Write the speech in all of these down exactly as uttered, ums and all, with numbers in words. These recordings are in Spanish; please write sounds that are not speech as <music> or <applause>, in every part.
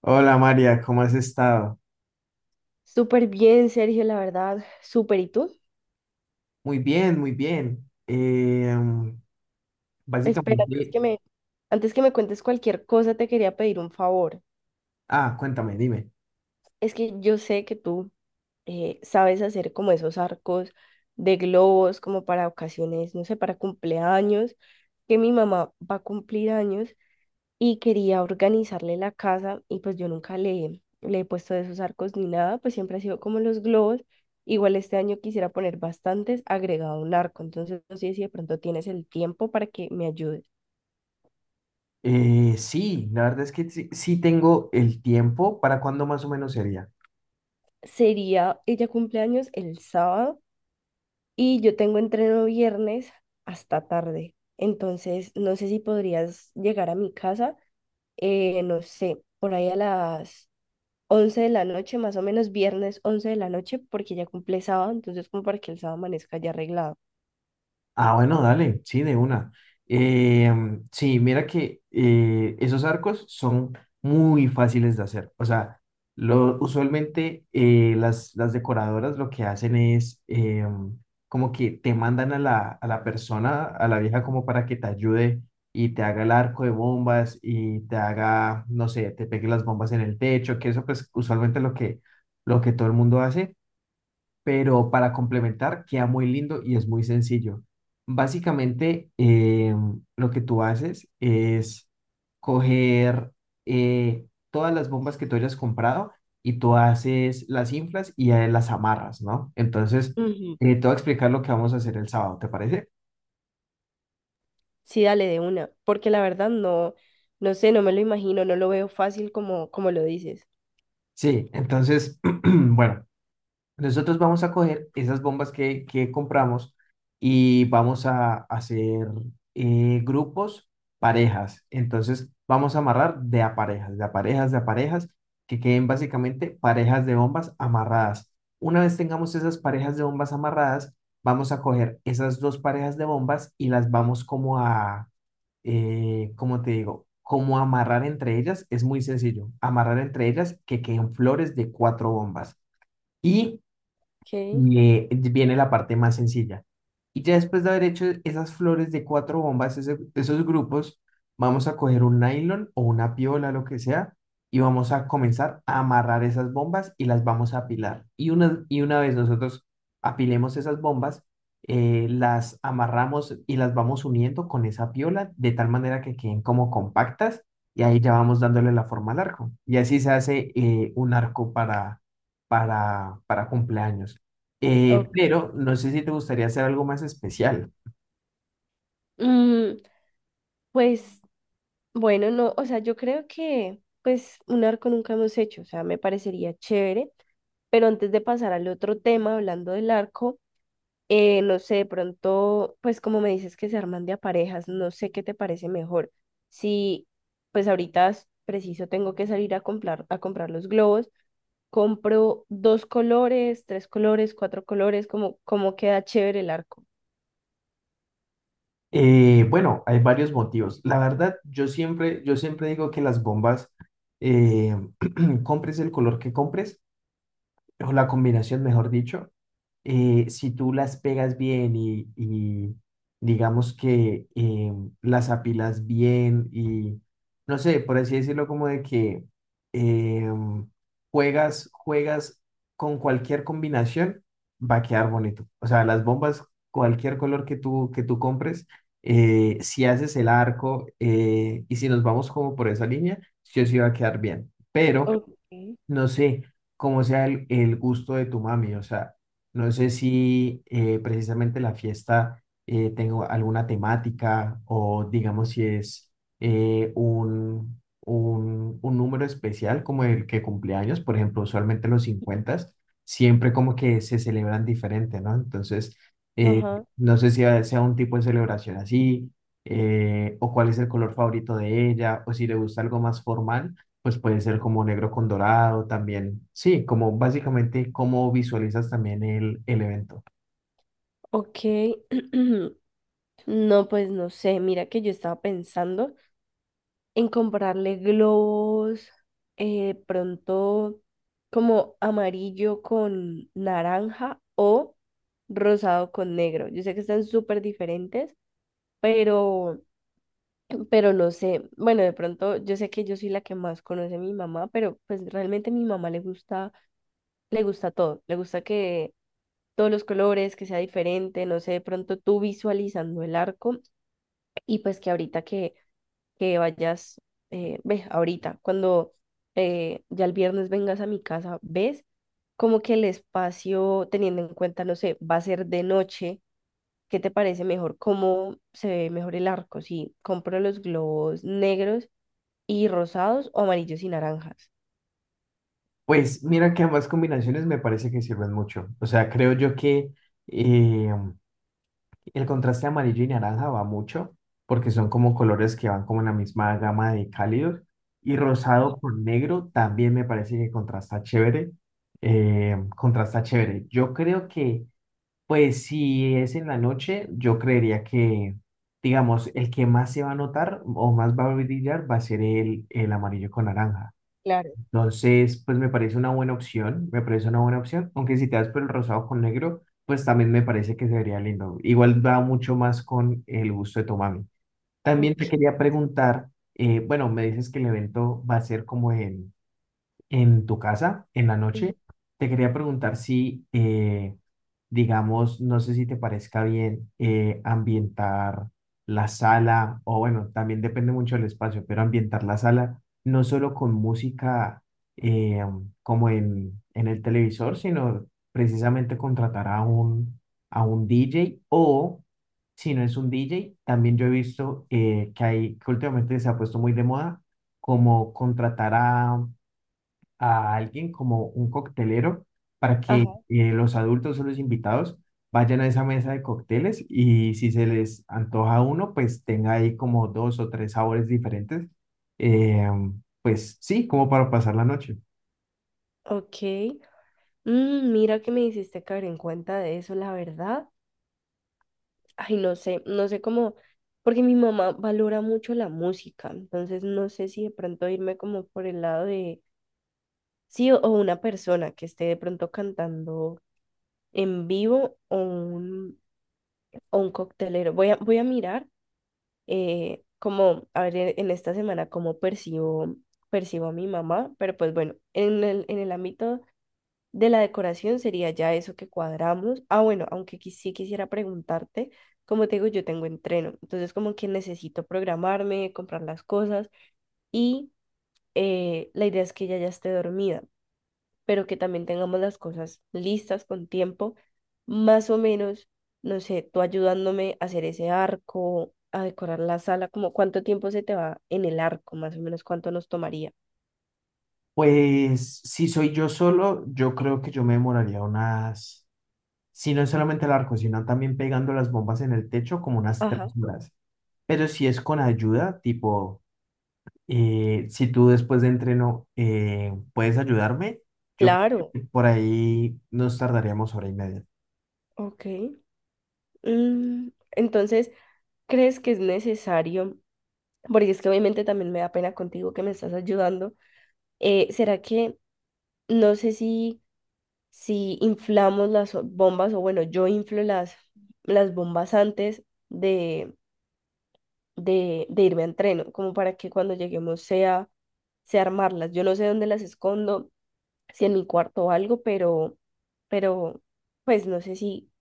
Hola María, ¿cómo has estado? Súper bien, Sergio, la verdad, súper. ¿Y tú? Muy bien, muy bien. Eh, mm, Espera, antes básicamente, que me, antes que me cuentes cualquier cosa, te quería pedir un favor. ah, cuéntame, dime. Es que yo sé que tú eh, sabes hacer como esos arcos de globos, como para ocasiones, no sé, para cumpleaños, que mi mamá va a cumplir años y quería organizarle la casa, y pues yo nunca le, le he puesto de esos arcos ni nada, pues siempre ha sido como los globos. Igual este año quisiera poner bastantes agregado un arco, entonces no sé si de pronto tienes el tiempo para que me ayudes. Eh, sí, la verdad es que sí, sí tengo el tiempo. ¿Para cuándo más o menos sería? Sería, ella cumpleaños el sábado y yo tengo entreno viernes hasta tarde, entonces no sé si podrías llegar a mi casa, eh, no sé, por ahí a las once de la noche, más o menos viernes once de la noche, porque ya cumple sábado, entonces como para que el sábado amanezca ya arreglado. Ah, bueno, dale, sí, de una. Eh, sí, mira que eh, esos arcos son muy fáciles de hacer. O sea, lo, usualmente eh, las, las decoradoras lo que hacen es eh, como que te mandan a la, a la persona, a la vieja, como para que te ayude y te haga el arco de bombas y te haga, no sé, te pegue las bombas en el techo, que eso pues usualmente es lo que, lo que todo el mundo hace, pero para complementar queda muy lindo y es muy sencillo. Básicamente, eh, lo que tú haces es coger eh, todas las bombas que tú hayas comprado y tú haces las inflas y eh, las amarras, ¿no? Entonces, Ujú. eh, te voy a explicar lo que vamos a hacer el sábado, ¿te parece? Sí, dale de una, porque la verdad no, no sé, no me lo imagino, no lo veo fácil como, como lo dices. Sí, entonces, <clears throat> bueno. Nosotros vamos a coger esas bombas que, que compramos y vamos a hacer eh, grupos, parejas. Entonces vamos a amarrar de a parejas, de a parejas, de a parejas, que queden básicamente parejas de bombas amarradas. Una vez tengamos esas parejas de bombas amarradas, vamos a coger esas dos parejas de bombas y las vamos como a, eh, ¿cómo te digo? Como amarrar entre ellas. Es muy sencillo. Amarrar entre ellas que queden flores de cuatro bombas. Y Ok. y eh, viene la parte más sencilla. Y ya después de haber hecho esas flores de cuatro bombas, ese- esos grupos, vamos a coger un nylon o una piola, lo que sea, y vamos a comenzar a amarrar esas bombas y las vamos a apilar. Y una, y una vez nosotros apilemos esas bombas, eh, las amarramos y las vamos uniendo con esa piola de tal manera que queden como compactas y ahí ya vamos dándole la forma al arco. Y así se hace eh, un arco para, para, para cumpleaños. Eh, ok. pero no sé si te gustaría hacer algo más especial. Mm, pues bueno, no, o sea, yo creo que pues un arco nunca hemos hecho, o sea, me parecería chévere, pero antes de pasar al otro tema, hablando del arco. Eh, no sé, de pronto, pues como me dices que se arman de a parejas, no sé qué te parece mejor. Si, pues ahorita es preciso tengo que salir a comprar, a comprar los globos, compro dos colores, tres colores, cuatro colores, como, como queda chévere el arco. Eh, bueno, hay varios motivos. La verdad, yo siempre, yo siempre digo que las bombas, eh, <clears throat> compres el color que compres, o la combinación, mejor dicho, eh, si tú las pegas bien y, y digamos que eh, las apilas bien y no sé, por así decirlo, como de que eh, juegas, juegas con cualquier combinación, va a quedar bonito. O sea, las bombas, cualquier color que tú, que tú compres, eh, si haces el arco eh, y si nos vamos como por esa línea, sí o sí va a quedar bien. Pero Ok, no sé cómo sea el, el gusto de tu mami, o sea, no sé si eh, precisamente la fiesta eh, tengo alguna temática o digamos si es eh, un, un, un número especial como el que cumpleaños, por ejemplo, usualmente los cincuenta, siempre como que se celebran diferente, ¿no? Entonces, eh, ajá, no sé si a- sea un tipo de celebración así, eh, o cuál es el color favorito de ella, o si le gusta algo más formal, pues puede ser como negro con dorado también. Sí, como básicamente cómo visualizas también el, el evento. ok. <clears throat> No, pues no sé, mira que yo estaba pensando en comprarle globos, eh, pronto como amarillo con naranja o rosado con negro. Yo sé que están súper diferentes, pero, pero no sé. Bueno, de pronto yo sé que yo soy la que más conoce a mi mamá, pero pues realmente a mi mamá le gusta, le gusta todo. Le gusta que todos los colores, que sea diferente, no sé, de pronto tú visualizando el arco y pues que ahorita que que vayas, eh, ves, ahorita, cuando eh, ya el viernes vengas a mi casa, ves como que el espacio, teniendo en cuenta, no sé, va a ser de noche, ¿qué te parece mejor? ¿Cómo se ve mejor el arco? Si compro los globos negros y rosados o amarillos y naranjas. Pues mira que ambas combinaciones me parece que sirven mucho. O sea, creo yo que eh, el contraste amarillo y naranja va mucho porque son como colores que van como en la misma gama de cálidos. Y rosado Ajá, con negro también me parece que contrasta chévere. eh, contrasta chévere. Yo creo que, pues si es en la noche, yo creería que, digamos, el que más se va a notar o más va a brillar va a ser el, el amarillo con naranja. claro. Entonces, pues me parece una buena opción, me parece una buena opción, aunque si te das por el rosado con negro, pues también me parece que se vería lindo. Igual va mucho más con el gusto de tu mami. También te Ok, quería preguntar, eh, bueno, me dices que el evento va a ser como en en tu casa en la noche. Te quería preguntar si, eh, digamos, no sé si te parezca bien eh, ambientar la sala, o bueno, también depende mucho del espacio, pero ambientar la sala no solo con música eh, como en, en el televisor, sino precisamente contratar a un, a un D J o... Si no es un D J, también yo he visto eh, que hay, que últimamente se ha puesto muy de moda, como contratar a, a alguien como un coctelero para que ajá, eh, los adultos o los invitados vayan a esa mesa de cócteles y si se les antoja uno, pues tenga ahí como dos o tres sabores diferentes. eh, pues sí, como para pasar la noche. ok. Mm, mira que me hiciste caer en cuenta de eso, la verdad. Ay, no sé, no sé cómo, porque mi mamá valora mucho la música, entonces no sé si de pronto irme como por el lado de, sí, o, o una persona que esté de pronto cantando en vivo o un, o un coctelero. Voy a, voy a mirar eh, como, a ver, en, en esta semana cómo percibo, percibo a mi mamá, pero pues bueno, en el, en el ámbito de la decoración sería ya eso que cuadramos. Ah, bueno, aunque qui- sí quisiera preguntarte, como te digo, yo tengo entreno, entonces como que necesito programarme, comprar las cosas y eh, la idea es que ella ya esté dormida, pero que también tengamos las cosas listas con tiempo, más o menos, no sé, tú ayudándome a hacer ese arco, a decorar la sala, como cuánto tiempo se te va en el arco, más o menos cuánto nos tomaría. Pues si soy yo solo, yo creo que yo me demoraría unas, si no es solamente la cocina, también pegando las bombas en el techo, como unas tres Ajá. horas. Pero si es con ayuda, tipo Eh, si tú después de entreno eh, puedes ayudarme, yo creo Claro, que por ahí nos tardaríamos hora y media. ok. Mm, entonces... ¿crees que es necesario? Porque es que obviamente también me da pena contigo que me estás ayudando. Eh, ¿será que no sé si, si inflamos las o- bombas o bueno, yo inflo las, las bombas antes de, de, de irme a entreno, como para que cuando lleguemos sea, sea armarlas. Yo no sé dónde las escondo, si en mi cuarto o algo, pero, pero pues no sé si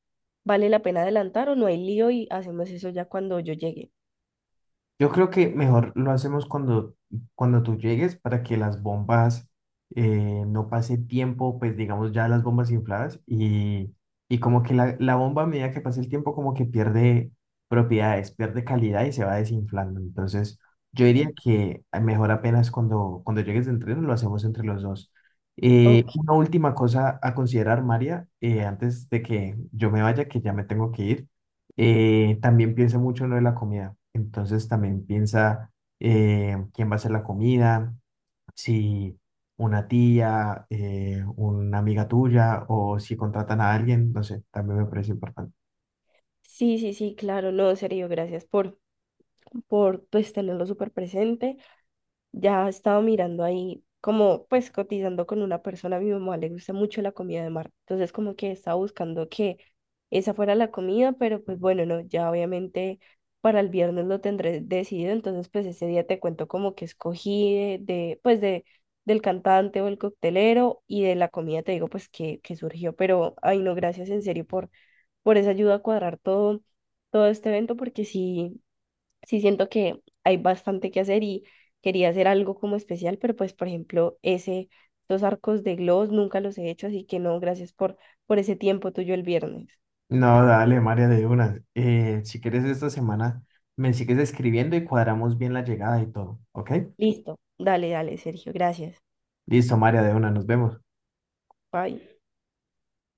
vale la pena adelantar o no hay lío y hacemos eso ya cuando yo llegue. Yo creo que mejor lo hacemos cuando, cuando tú llegues para que las bombas eh, no pase tiempo, pues digamos ya las bombas infladas y, y como que la, la bomba a medida que pasa el tiempo como que pierde propiedades, pierde calidad y se va desinflando. Entonces yo diría Ok. que mejor apenas cuando, cuando llegues de entreno lo hacemos entre los dos. Eh, una última cosa a considerar, María, eh, antes de que yo me vaya, que ya me tengo que ir, eh, también piensa mucho en lo de la comida. Entonces también piensa eh, quién va a hacer la comida, si una tía, eh, una amiga tuya o si contratan a alguien, no sé, también me parece importante. Sí, sí, sí, claro, no, en serio, gracias por, por pues tenerlo súper presente. Ya estaba mirando ahí, como pues cotizando con una persona, a mi mamá le gusta mucho la comida de mar, entonces como que estaba buscando que esa fuera la comida, pero pues bueno, no, ya obviamente para el viernes lo tendré decidido, entonces pues ese día te cuento como que escogí de, de, pues de, del cantante o el coctelero, y de la comida te digo pues que, que surgió, pero ay no, gracias en serio por por esa ayuda a cuadrar todo, todo este evento, porque sí, sí siento que hay bastante que hacer y quería hacer algo como especial, pero pues, por ejemplo, ese, los arcos de gloss nunca los he hecho, así que no, gracias por, por ese tiempo tuyo el viernes. No, dale, María, de una. Eh, si quieres esta semana, me sigues escribiendo y cuadramos bien la llegada y todo, ¿ok? Listo, dale, dale, Sergio, gracias. Listo, María, de una, nos vemos. Bye.